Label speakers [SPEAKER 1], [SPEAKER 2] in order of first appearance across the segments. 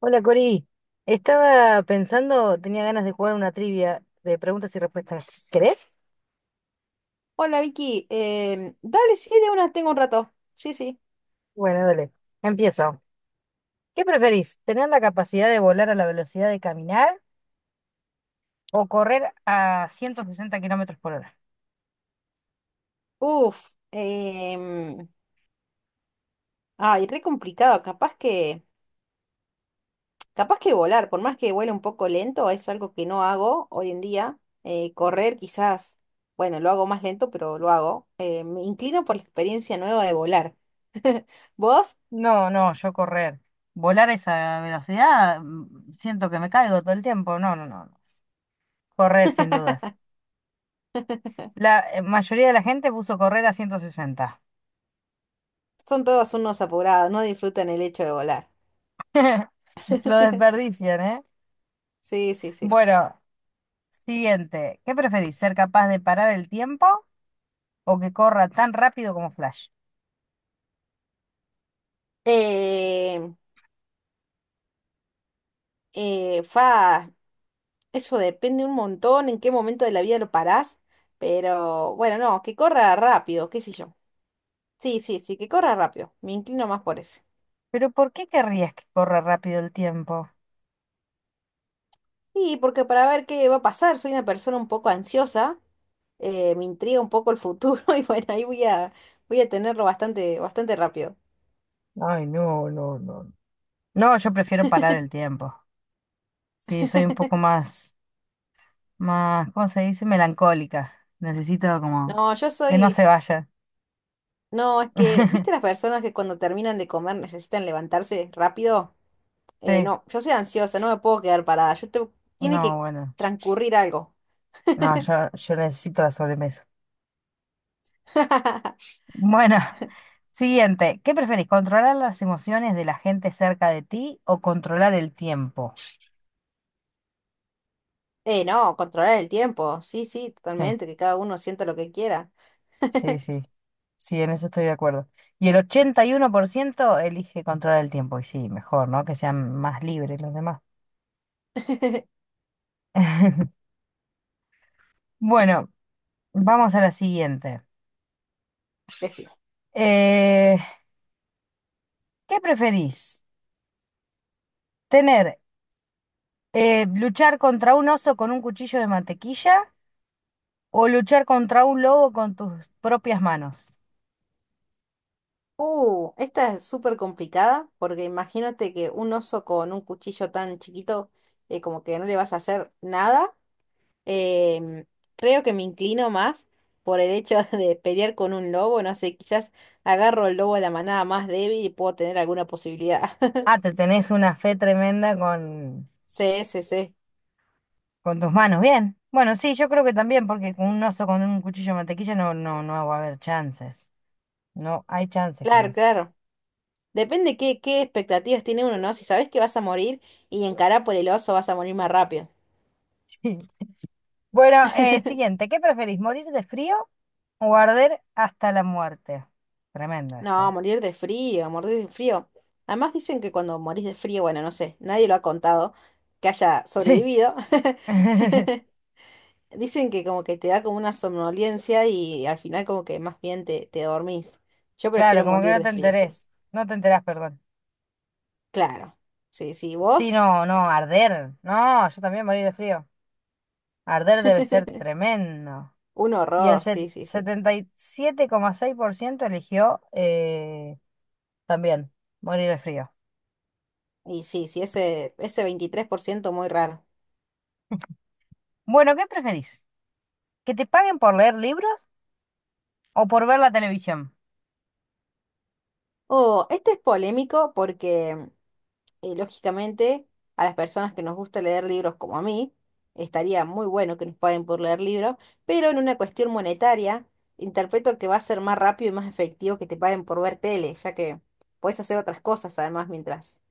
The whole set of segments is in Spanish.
[SPEAKER 1] Hola Cori, estaba pensando, tenía ganas de jugar una trivia de preguntas y respuestas. ¿Querés?
[SPEAKER 2] Hola Vicky, dale, sí, de una tengo un rato. Sí, sí.
[SPEAKER 1] Bueno, dale, empiezo. ¿Qué preferís? ¿Tener la capacidad de volar a la velocidad de caminar o correr a 160 km/h?
[SPEAKER 2] Uf, ay, re complicado. Capaz que volar, por más que vuele un poco lento, es algo que no hago hoy en día. Correr quizás, bueno, lo hago más lento, pero lo hago. Me inclino por la experiencia nueva de volar. Vos
[SPEAKER 1] No, no, yo correr. Volar a esa velocidad, siento que me caigo todo el tiempo. No, no, no. No. Correr, sin dudas. La mayoría de la gente puso correr a 160.
[SPEAKER 2] son todos unos apurados, no disfrutan el hecho de volar.
[SPEAKER 1] Lo desperdician, ¿eh?
[SPEAKER 2] Sí, sí, sí.
[SPEAKER 1] Bueno, siguiente, ¿qué preferís? ¿Ser capaz de parar el tiempo o que corra tan rápido como Flash?
[SPEAKER 2] Eh, eh, fa, Eso depende un montón en qué momento de la vida lo parás, pero bueno, no, que corra rápido, qué sé yo. Sí, sí, sí, que corra rápido. Me inclino más por eso.
[SPEAKER 1] Pero ¿por qué querrías que corra rápido el tiempo?
[SPEAKER 2] Y porque para ver qué va a pasar, soy una persona un poco ansiosa, me intriga un poco el futuro y bueno, voy a tenerlo bastante, bastante rápido.
[SPEAKER 1] Ay, no, no, no. No, yo prefiero parar el tiempo. Sí, soy un poco más, más, ¿cómo se dice? Melancólica. Necesito como
[SPEAKER 2] No, yo
[SPEAKER 1] que no se
[SPEAKER 2] soy,
[SPEAKER 1] vaya.
[SPEAKER 2] no, es que, ¿viste las personas que cuando terminan de comer necesitan levantarse rápido?
[SPEAKER 1] Sí,
[SPEAKER 2] No, yo soy ansiosa, no me puedo quedar parada, yo tengo- tiene
[SPEAKER 1] no,
[SPEAKER 2] que
[SPEAKER 1] bueno.
[SPEAKER 2] transcurrir algo.
[SPEAKER 1] No, yo necesito la sobremesa. Bueno, siguiente, ¿qué preferís? ¿Controlar las emociones de la gente cerca de ti o controlar el tiempo?
[SPEAKER 2] No, controlar el tiempo. Sí, sí,
[SPEAKER 1] Sí.
[SPEAKER 2] totalmente, que cada uno sienta lo que quiera.
[SPEAKER 1] Sí, sí. Sí, en eso estoy de acuerdo. Y el 81% elige controlar el tiempo. Y sí, mejor, ¿no? Que sean más libres los demás. Bueno, vamos a la siguiente.
[SPEAKER 2] Decime.
[SPEAKER 1] Eh, ¿Qué preferís? ¿Tener, luchar contra un oso con un cuchillo de mantequilla o luchar contra un lobo con tus propias manos?
[SPEAKER 2] Esta es súper complicada porque imagínate que un oso con un cuchillo tan chiquito, como que no le vas a hacer nada. Em, creo que me inclino más por el hecho de pelear con un lobo. No sé, quizás agarro el lobo de la manada más débil y puedo tener alguna posibilidad.
[SPEAKER 1] Ah, te tenés una fe tremenda con,
[SPEAKER 2] Sí, sí, sí.
[SPEAKER 1] con tus manos. Bien. Bueno, sí, yo creo que también, porque con un oso con un cuchillo de mantequilla no, no, no va a haber chances. No hay chance con
[SPEAKER 2] Claro,
[SPEAKER 1] eso.
[SPEAKER 2] claro. Depende qué expectativas tiene uno, ¿no? Si sabes que vas a morir y encará por el oso vas a morir más rápido.
[SPEAKER 1] Sí. Bueno, siguiente. ¿Qué preferís, morir de frío o arder hasta la muerte? Tremendo
[SPEAKER 2] No,
[SPEAKER 1] esto.
[SPEAKER 2] morir de frío, morir de frío. Además dicen que cuando morís de frío, bueno, no sé, nadie lo ha contado que haya
[SPEAKER 1] Sí.
[SPEAKER 2] sobrevivido. Dicen que como que te da como una somnolencia y al final como que más bien te dormís. Yo
[SPEAKER 1] Claro,
[SPEAKER 2] prefiero
[SPEAKER 1] como que
[SPEAKER 2] morir
[SPEAKER 1] no
[SPEAKER 2] de
[SPEAKER 1] te
[SPEAKER 2] frío, sí.
[SPEAKER 1] enterés. No te enterás, perdón.
[SPEAKER 2] Claro. Sí, sí,
[SPEAKER 1] Sí,
[SPEAKER 2] ¿vos?
[SPEAKER 1] no, no, arder. No, yo también morir de frío. Arder debe ser tremendo.
[SPEAKER 2] Un
[SPEAKER 1] Y el
[SPEAKER 2] horror,
[SPEAKER 1] se
[SPEAKER 2] sí, sí, sí.
[SPEAKER 1] 77,6% eligió también morir de frío.
[SPEAKER 2] Y sí, sí, ese 23% muy raro.
[SPEAKER 1] Bueno, ¿qué preferís? ¿Que te paguen por leer libros o por ver la televisión?
[SPEAKER 2] Oh, este es polémico porque, lógicamente, a las personas que nos gusta leer libros como a mí, estaría muy bueno que nos paguen por leer libros, pero en una cuestión monetaria, interpreto que va a ser más rápido y más efectivo que te paguen por ver tele, ya que puedes hacer otras cosas además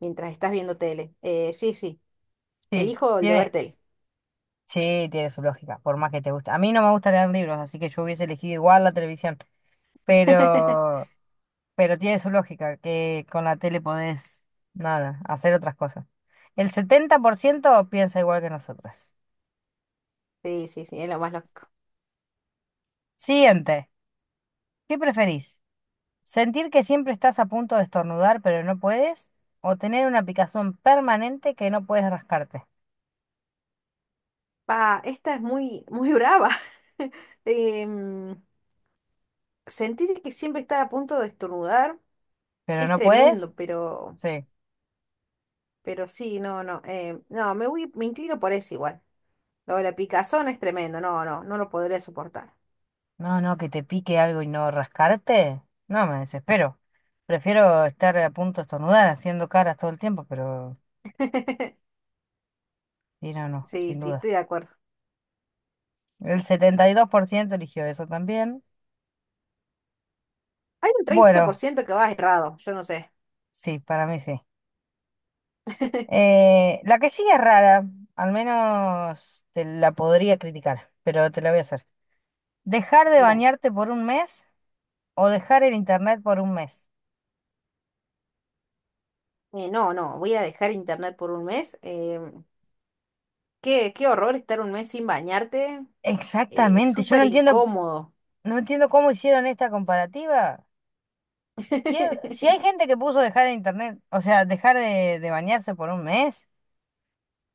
[SPEAKER 2] mientras estás viendo tele. Sí, sí,
[SPEAKER 1] Sí.
[SPEAKER 2] elijo el de ver tele.
[SPEAKER 1] Sí, tiene su lógica, por más que te guste. A mí no me gusta leer libros, así que yo hubiese elegido igual la televisión, pero, pero tiene su lógica, que con la tele podés, nada, hacer otras cosas. El 70% piensa igual que nosotras.
[SPEAKER 2] Sí, sí, sí, es lo más lógico.
[SPEAKER 1] Siguiente, ¿qué preferís? ¿Sentir que siempre estás a punto de estornudar pero no puedes? ¿O tener una picazón permanente que no puedes rascarte?
[SPEAKER 2] Pa, esta es muy, muy brava. Em, sentir que siempre está a punto de estornudar.
[SPEAKER 1] ¿Pero
[SPEAKER 2] Es
[SPEAKER 1] no
[SPEAKER 2] tremendo,
[SPEAKER 1] puedes? Sí.
[SPEAKER 2] pero sí, no, no, me inclino por eso igual. Lo de la picazón es tremendo, no, no, no lo podría soportar.
[SPEAKER 1] No, no, que te pique algo y no rascarte. No, me desespero. Prefiero estar a punto de estornudar haciendo caras todo el tiempo, pero sí, no, no,
[SPEAKER 2] Sí,
[SPEAKER 1] sin
[SPEAKER 2] sí,
[SPEAKER 1] duda.
[SPEAKER 2] estoy de acuerdo.
[SPEAKER 1] El 72% eligió eso también.
[SPEAKER 2] Hay un treinta por
[SPEAKER 1] Bueno,
[SPEAKER 2] ciento que va errado, yo no sé.
[SPEAKER 1] sí, para mí sí. La que sigue es rara, al menos te la podría criticar, pero te la voy a hacer. ¿Dejar de
[SPEAKER 2] Dale.
[SPEAKER 1] bañarte por un mes o dejar el internet por un mes?
[SPEAKER 2] No, no, voy a dejar internet por un mes. Qué horror estar un mes sin bañarte.
[SPEAKER 1] Exactamente, yo no
[SPEAKER 2] Súper
[SPEAKER 1] entiendo,
[SPEAKER 2] incómodo.
[SPEAKER 1] cómo hicieron esta comparativa. Si hay gente que puso dejar el internet, o sea, dejar de bañarse por un mes,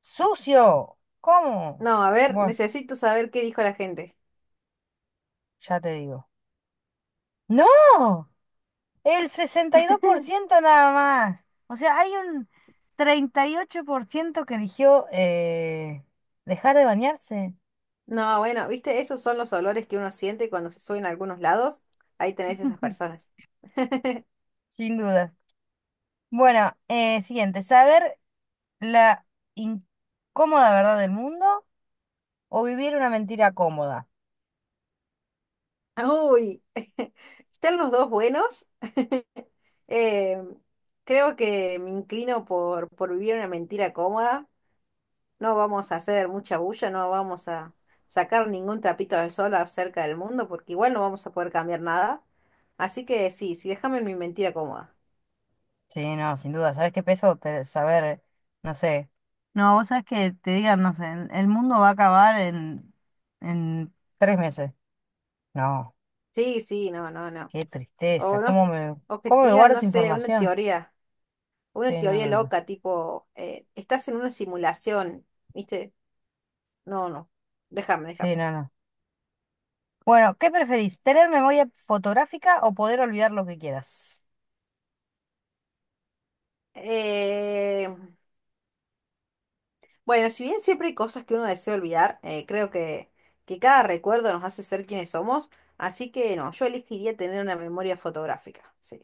[SPEAKER 1] sucio, ¿cómo?
[SPEAKER 2] No, a ver,
[SPEAKER 1] Bueno,
[SPEAKER 2] necesito saber qué dijo la gente.
[SPEAKER 1] ya te digo. No, el 62% nada más. O sea, hay un 38% que eligió dejar de bañarse,
[SPEAKER 2] No, bueno, viste, esos son los olores que uno siente cuando se sube en algunos lados. Ahí tenés esas personas.
[SPEAKER 1] sin duda. Bueno, siguiente, saber la incómoda verdad del mundo o vivir una mentira cómoda.
[SPEAKER 2] Uy, están los dos buenos. Eh, creo que me inclino por vivir una mentira cómoda. No vamos a hacer mucha bulla, no vamos a sacar ningún trapito al sol acerca del mundo, porque igual no vamos a poder cambiar nada. Así que sí, sí, déjame en mi mentira cómoda.
[SPEAKER 1] Sí, no, sin duda. ¿Sabes qué peso? Saber, no sé. No, vos sabés que te digan, no sé, el mundo va a acabar en, 3 meses. No,
[SPEAKER 2] Sí, sí, no, no, no.
[SPEAKER 1] qué
[SPEAKER 2] O
[SPEAKER 1] tristeza.
[SPEAKER 2] no,
[SPEAKER 1] ¿Cómo
[SPEAKER 2] s-
[SPEAKER 1] me,
[SPEAKER 2] o que
[SPEAKER 1] cómo
[SPEAKER 2] te
[SPEAKER 1] me
[SPEAKER 2] digan,
[SPEAKER 1] guardo
[SPEAKER 2] no
[SPEAKER 1] esa
[SPEAKER 2] sé, una
[SPEAKER 1] información?
[SPEAKER 2] teoría. Una
[SPEAKER 1] Sí, no,
[SPEAKER 2] teoría
[SPEAKER 1] no, no.
[SPEAKER 2] loca, tipo, estás en una simulación, ¿viste? No, no, déjame, déjame.
[SPEAKER 1] Sí, no, no. Bueno, ¿qué preferís? ¿Tener memoria fotográfica o poder olvidar lo que quieras?
[SPEAKER 2] Eh, bueno, si bien siempre hay cosas que uno desea olvidar, que cada recuerdo nos hace ser quienes somos, así que no, yo elegiría tener una memoria fotográfica, sí,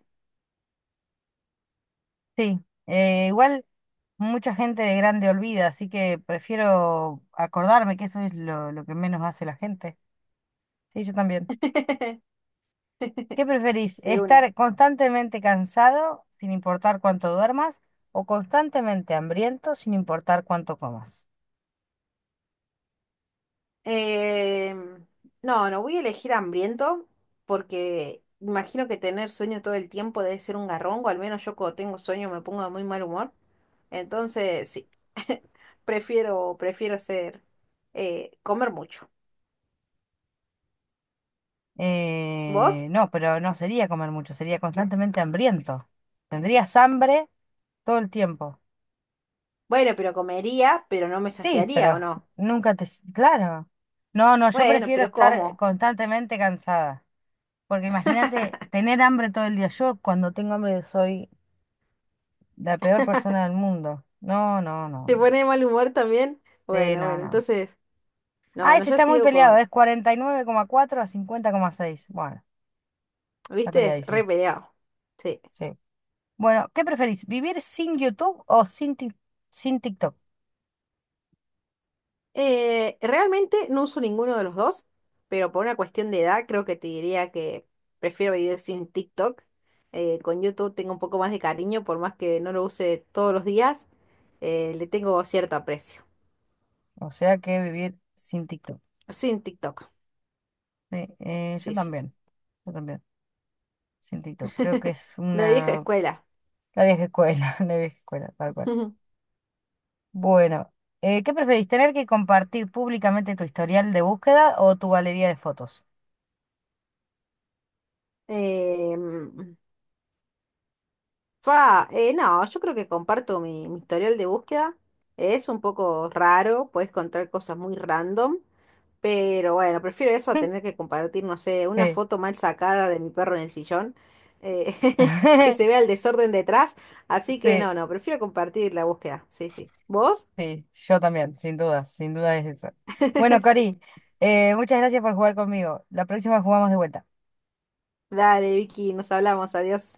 [SPEAKER 1] Sí, igual mucha gente de grande olvida, así que prefiero acordarme que eso es lo que menos hace la gente. Sí, yo también. ¿Qué preferís?
[SPEAKER 2] de una.
[SPEAKER 1] ¿Estar constantemente cansado sin importar cuánto duermas o constantemente hambriento sin importar cuánto comas?
[SPEAKER 2] Eh, no, no voy a elegir hambriento porque imagino que tener sueño todo el tiempo debe ser un garrón, o al menos yo cuando tengo sueño me pongo de muy mal humor. Entonces, sí, prefiero ser, comer mucho. ¿Vos?
[SPEAKER 1] No, pero no sería comer mucho, sería constantemente hambriento. Tendrías hambre todo el tiempo.
[SPEAKER 2] Bueno, pero comería, pero no me
[SPEAKER 1] Sí,
[SPEAKER 2] saciaría, ¿o
[SPEAKER 1] pero
[SPEAKER 2] no?
[SPEAKER 1] nunca te. Claro. No, no, yo
[SPEAKER 2] Bueno,
[SPEAKER 1] prefiero
[SPEAKER 2] pero
[SPEAKER 1] estar
[SPEAKER 2] ¿cómo?
[SPEAKER 1] constantemente cansada, porque imagínate tener hambre todo el día. Yo cuando tengo hambre soy la peor persona del mundo. No, no, no,
[SPEAKER 2] ¿Te
[SPEAKER 1] no.
[SPEAKER 2] pone de mal humor también?
[SPEAKER 1] Sí,
[SPEAKER 2] Bueno,
[SPEAKER 1] no,
[SPEAKER 2] bueno,
[SPEAKER 1] no.
[SPEAKER 2] entonces, no,
[SPEAKER 1] Ah,
[SPEAKER 2] no,
[SPEAKER 1] ese
[SPEAKER 2] yo
[SPEAKER 1] está muy
[SPEAKER 2] sigo
[SPEAKER 1] peleado,
[SPEAKER 2] con,
[SPEAKER 1] es 49,4 a 50,6. Bueno, está
[SPEAKER 2] viste, es re
[SPEAKER 1] peleadísimo.
[SPEAKER 2] peleado. Sí.
[SPEAKER 1] Sí. Bueno, ¿qué preferís? ¿Vivir sin YouTube o sin, sin TikTok?
[SPEAKER 2] Realmente no uso ninguno de los dos, pero por una cuestión de edad creo que te diría que prefiero vivir sin TikTok. Con YouTube tengo un poco más de cariño, por más que no lo use todos los días, le tengo cierto aprecio.
[SPEAKER 1] O sea que vivir sin TikTok.
[SPEAKER 2] Sin TikTok,
[SPEAKER 1] Sí,
[SPEAKER 2] sí, sí.
[SPEAKER 1] yo también, sin TikTok. Creo que es
[SPEAKER 2] De vieja
[SPEAKER 1] una.
[SPEAKER 2] escuela.
[SPEAKER 1] La vieja escuela, la vieja escuela, tal cual. Bueno, ¿qué preferís? ¿Tener que compartir públicamente tu historial de búsqueda o tu galería de fotos?
[SPEAKER 2] Em, no, yo creo que comparto mi historial de búsqueda. Es un poco raro, puedes encontrar cosas muy random, pero bueno, prefiero eso a tener que compartir, no sé, una
[SPEAKER 1] Sí.
[SPEAKER 2] foto mal sacada de mi perro en el sillón, eh, que se vea el desorden detrás. Así que
[SPEAKER 1] Sí.
[SPEAKER 2] no, no, prefiero compartir la búsqueda. Sí, sí. ¿Vos?
[SPEAKER 1] Sí, yo también, sin duda, sin duda es eso. Bueno, Cori, muchas gracias por jugar conmigo. La próxima jugamos de vuelta.
[SPEAKER 2] Dale, Vicky, nos hablamos, adiós.